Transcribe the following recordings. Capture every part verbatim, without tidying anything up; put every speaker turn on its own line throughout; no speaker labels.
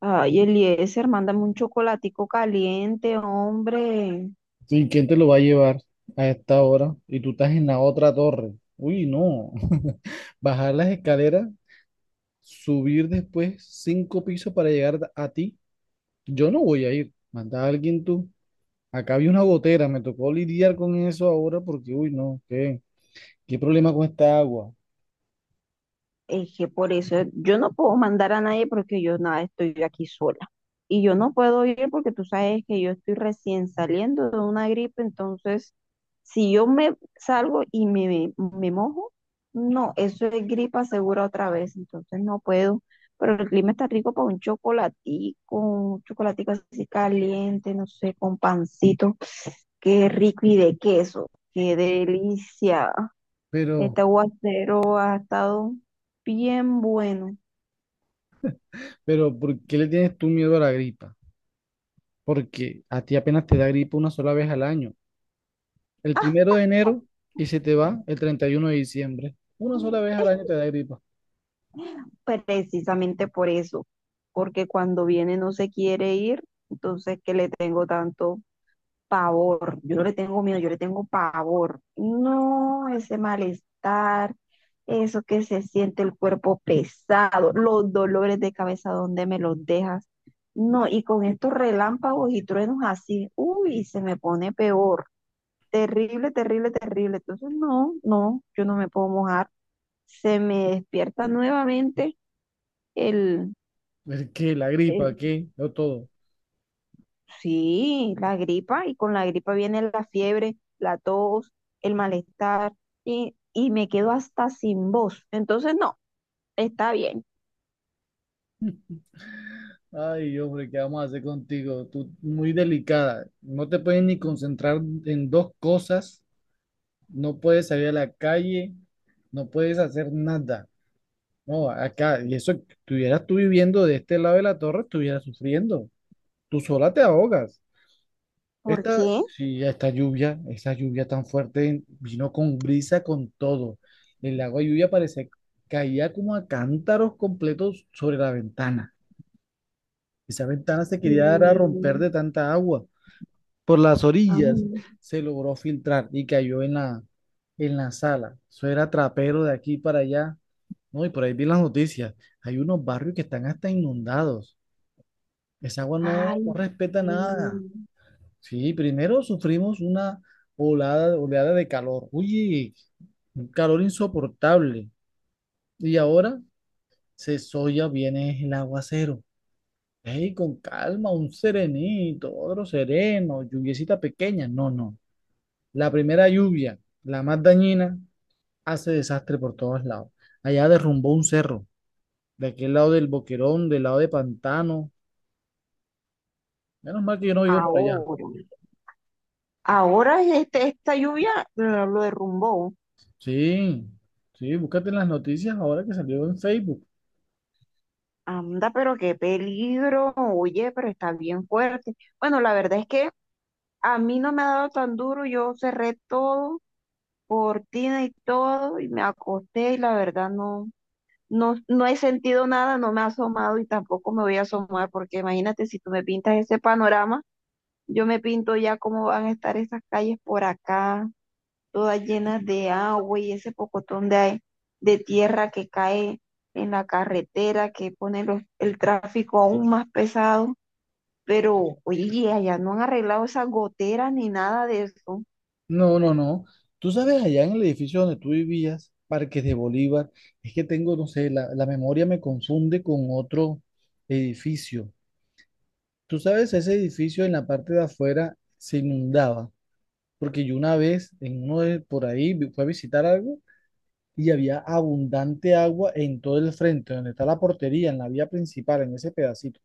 Ay, Eliezer, mándame un chocolatico caliente, hombre.
Sí, ¿quién te lo va a llevar a esta hora? Y tú estás en la otra torre. Uy, no. Bajar las escaleras, subir después cinco pisos para llegar a ti. Yo no voy a ir. Manda a alguien tú. Acá había una gotera. Me tocó lidiar con eso ahora porque, uy, no, ¿qué? ¿Qué problema con esta agua?
Es que por eso yo no puedo mandar a nadie porque yo nada, estoy aquí sola. Y yo no puedo ir porque tú sabes que yo estoy recién saliendo de una gripe, entonces si yo me salgo y me, me mojo, no, eso es gripa segura otra vez, entonces no puedo. Pero el clima está rico para un chocolatico, un chocolatico así caliente, no sé, con pancito. Qué rico y de queso. Qué delicia.
Pero,
Este aguacero ha estado bien bueno.
pero, ¿por qué le tienes tú miedo a la gripa? Porque a ti apenas te da gripa una sola vez al año. El primero de enero y se te va el treinta y uno de diciembre. Una sola vez al año te da gripa.
Precisamente por eso. Porque cuando viene no se quiere ir. Entonces, ¿que le tengo tanto? Pavor. Yo no le tengo miedo, yo le tengo pavor. No, ese malestar, eso que se siente el cuerpo pesado, los dolores de cabeza, ¿dónde me los dejas? No, y con estos relámpagos y truenos así, uy, se me pone peor. Terrible, terrible, terrible. Entonces, no, no, yo no me puedo mojar. Se me despierta nuevamente el...
¿El qué? ¿La gripa? ¿Qué? No todo.
Sí, la gripa, y con la gripa viene la fiebre, la tos, el malestar, y, y me quedo hasta sin voz. Entonces, no, está bien.
Ay, hombre, ¿qué vamos a hacer contigo? Tú muy delicada. No te puedes ni concentrar en dos cosas. No puedes salir a la calle. No puedes hacer nada. No, acá. Y eso, si estuvieras tú viviendo de este lado de la torre, estuvieras sufriendo. Tú sola te ahogas.
¿Por
Esta,
qué?
sí, esta lluvia, esa lluvia tan fuerte, vino con brisa, con todo. El agua de lluvia parece caía como a cántaros completos sobre la ventana. Esa ventana se quería dar a romper
Mm.
de tanta agua. Por las orillas
Ay,
se logró filtrar y cayó en la, en la sala. Eso era trapero de aquí para allá. No, y por ahí vi las noticias. Hay unos barrios que están hasta inundados. Esa agua no,
ay,
no respeta nada.
mm,
Sí, primero sufrimos una oleada oleada de calor. Uy, un calor insoportable. Y ahora se soya viene el aguacero. Ey, con calma, un serenito, otro sereno, lluviecita pequeña. No, no. La primera lluvia, la más dañina, hace desastre por todos lados. Allá derrumbó un cerro, de aquel lado del Boquerón, del lado de Pantano. Menos mal que yo no vivo por allá.
ahora. Ahora este, esta lluvia lo, lo derrumbó.
Sí, sí, búscate en las noticias ahora que salió en Facebook.
Anda, pero qué peligro. Oye, pero está bien fuerte. Bueno, la verdad es que a mí no me ha dado tan duro. Yo cerré todo, cortina y todo, y me acosté y la verdad no, no, no he sentido nada, no me ha asomado y tampoco me voy a asomar, porque imagínate si tú me pintas ese panorama, yo me pinto ya cómo van a estar esas calles por acá, todas llenas de agua y ese pocotón de, ae- de tierra que cae en la carretera, que pone los- el tráfico aún más pesado. Pero, oye, allá no han arreglado esas goteras ni nada de eso.
No, no, no. Tú sabes, allá en el edificio donde tú vivías, Parques de Bolívar, es que tengo, no sé, la, la memoria me confunde con otro edificio. Tú sabes, ese edificio en la parte de afuera se inundaba, porque yo una vez en uno de por ahí vi- fui a visitar algo y había abundante agua en todo el frente, donde está la portería, en la vía principal, en ese pedacito.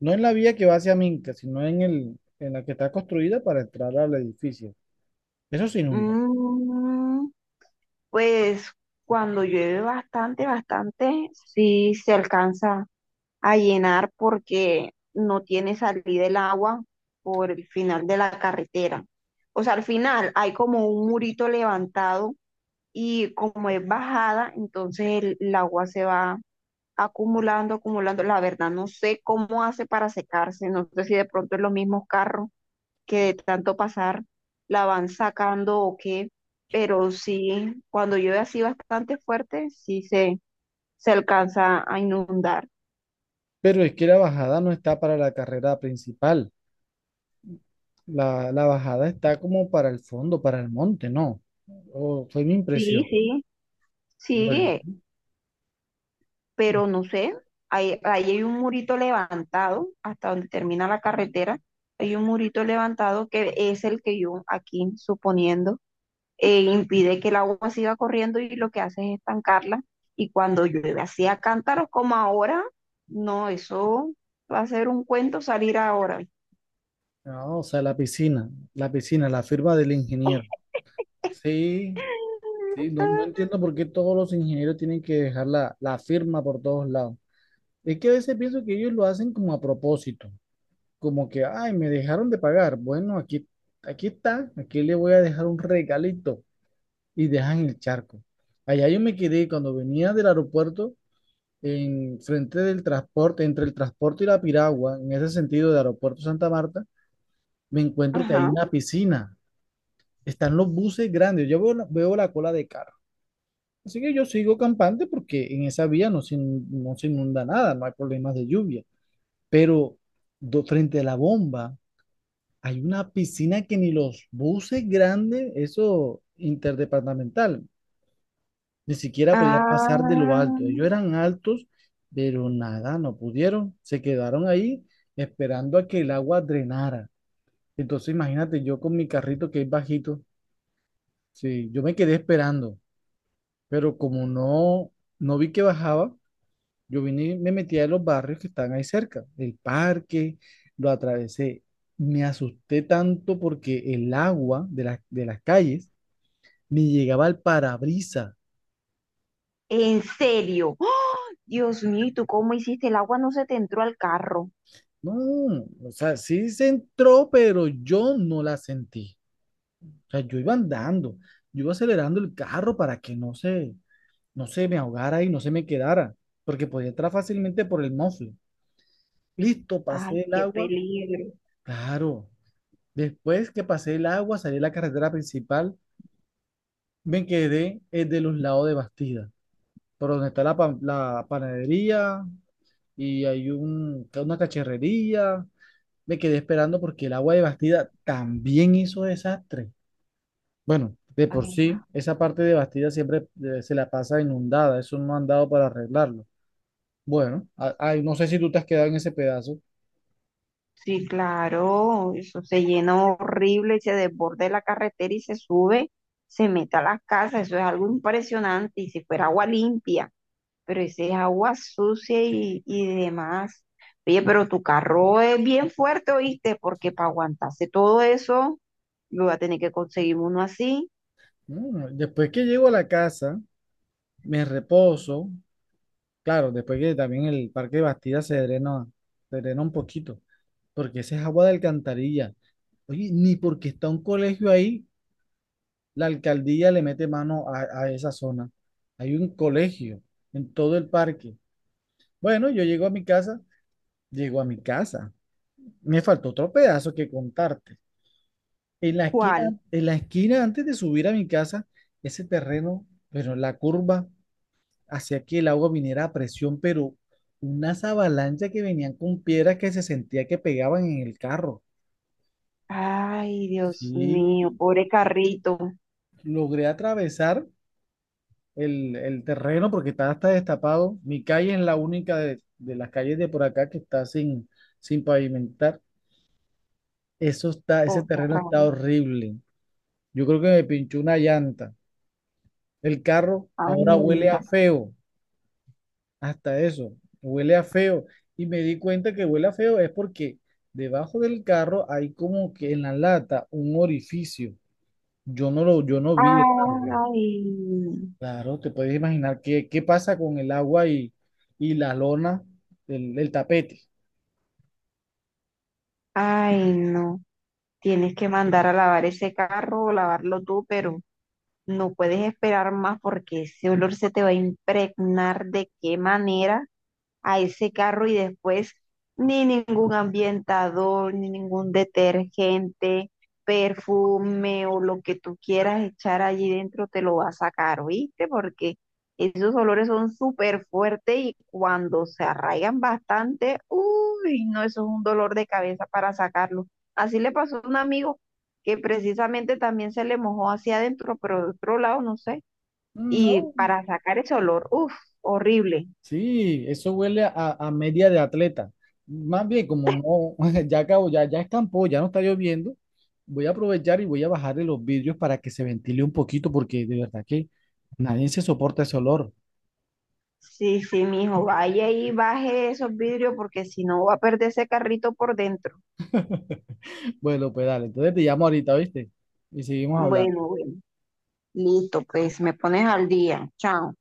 No en la vía que va hacia Minca, sino en el, en la que está construida para entrar al edificio. Eso se inunda.
Mm. Pues cuando llueve bastante, bastante, sí se alcanza a llenar porque no tiene salida el agua por el final de la carretera. O sea, al final hay como un murito levantado y como es bajada, entonces el, el agua se va acumulando, acumulando. La verdad, no sé cómo hace para secarse, no sé si de pronto es los mismos carros que de tanto pasar la van sacando o qué, pero sí, cuando llueve así bastante fuerte, sí se, se alcanza a inundar.
Pero es que la bajada no está para la carrera principal. La, la bajada está como para el fondo, para el monte, ¿no? O fue mi
Sí,
impresión.
sí,
Bueno,
sí, pero no sé, ahí, ahí hay un murito levantado hasta donde termina la carretera, hay un murito levantado que es el que yo aquí suponiendo eh, impide que el agua siga corriendo y lo que hace es estancarla. Y cuando llueve así a cántaros como ahora, no, eso va a ser un cuento salir ahora.
no, o sea, la piscina, la piscina, la firma del ingeniero. Sí, sí, no, no entiendo por qué todos los ingenieros tienen que dejar la, la firma por todos lados. Es que a veces pienso que ellos lo hacen como a propósito, como que, ay, me dejaron de pagar. Bueno, aquí, aquí está, aquí le voy a dejar un regalito y dejan el charco. Allá yo me quedé cuando venía del aeropuerto, en frente del transporte, entre el transporte y la piragua, en ese sentido de Aeropuerto Santa Marta, me encuentro que hay
Ajá.
una piscina. Están los buses grandes. Yo veo, la- veo la cola de carro. Así que yo sigo campante porque en esa vía no se, in- no se inunda nada, no hay problemas de lluvia. Pero do- frente a la bomba hay una piscina que ni los buses grandes, eso interdepartamental, ni siquiera podían pasar de lo
Ah,
alto. Ellos eran altos, pero nada, no pudieron. Se quedaron ahí esperando a que el agua drenara. Entonces imagínate yo con mi carrito que es bajito, sí, yo me quedé esperando, pero como no, no vi que bajaba, yo vine y me metí a los barrios que están ahí cerca, el parque, lo atravesé. Me asusté tanto porque el agua de, las de las calles me llegaba al parabrisas.
en serio. ¡Ah! Dios mío, ¿y tú cómo hiciste? El agua no se te entró al carro.
No, o sea, sí se entró, pero yo no la sentí. O sea, yo iba andando, yo iba acelerando el carro para que no se, no se me ahogara y no se me quedara, porque podía entrar fácilmente por el mofle. Listo,
Ay,
pasé el
qué
agua.
peligro.
Claro, después que pasé el agua, salí a la carretera principal, me quedé eh, de los lados de Bastida, por donde está la, pa- la panadería y hay un, una cacharrería. Me quedé esperando porque el agua de Bastida también hizo desastre. Bueno, de por
Ah.
sí, esa parte de Bastida siempre eh, se la pasa inundada, eso no han dado para arreglarlo. Bueno, a- ay, no sé si tú te has quedado en ese pedazo.
Sí, claro, eso se llena horrible y se desborde la carretera y se sube, se mete a las casas, eso es algo impresionante y si fuera agua limpia, pero ese es agua sucia y, y demás. Oye, pero tu carro es bien fuerte, ¿oíste? Porque para aguantarse todo eso, yo voy a tener que conseguir uno así.
Mm, después que llego a la casa, me reposo. Claro, después que también el parque de Bastida se drena, se drena un poquito, porque esa es agua de alcantarilla. Oye, ni porque está un colegio ahí, la alcaldía le mete mano a, a esa zona. Hay un colegio en todo el parque. Bueno, yo llego a mi casa, llego a mi casa. Me faltó otro pedazo que contarte. En la esquina,
¿Cuál?
en la esquina antes de subir a mi casa, ese terreno, pero la curva hacía que el agua viniera a presión, pero unas avalanchas que venían con piedras que se sentía que pegaban en el carro.
Ay, Dios
Sí,
mío, pobre carrito,
logré atravesar el, el terreno porque está hasta destapado. Mi calle es la única de, de las calles de por acá que está sin, sin pavimentar. Eso está, ese
pobre
terreno
carro.
está horrible. Yo creo que me pinchó una llanta. El carro ahora huele
Anda.
a feo. Hasta eso, huele a feo. Y me di cuenta que huele a feo es porque debajo del carro hay como que en la lata un orificio. Yo no lo, yo no vi el agua.
Ay.
Claro, te puedes imaginar qué, qué pasa con el agua y, y la lona, el, el tapete.
Ay, no. Tienes que mandar a lavar ese carro o lavarlo tú, pero no puedes esperar más porque ese olor se te va a impregnar de qué manera a ese carro y después ni ningún ambientador, ni ningún detergente, perfume o lo que tú quieras echar allí dentro te lo va a sacar, ¿viste? Porque esos olores son súper fuertes y cuando se arraigan bastante, uy, no, eso es un dolor de cabeza para sacarlo. Así le pasó a un amigo que precisamente también se le mojó hacia adentro, pero de otro lado, no sé.
Mm,
Y
no,
para sacar ese olor, uff, horrible.
sí, eso huele a, a media de atleta. Más bien, como no, ya acabo, ya, ya escampó, ya no está lloviendo, voy a aprovechar y voy a bajarle los vidrios para que se ventile un poquito, porque de verdad que nadie se soporta ese olor.
Sí, sí, mijo, vaya y baje esos vidrios porque si no va a perder ese carrito por dentro.
Bueno, pues dale, entonces te llamo ahorita, ¿viste? Y seguimos hablando.
Bueno, bueno, listo, pues me pones al día. Chao.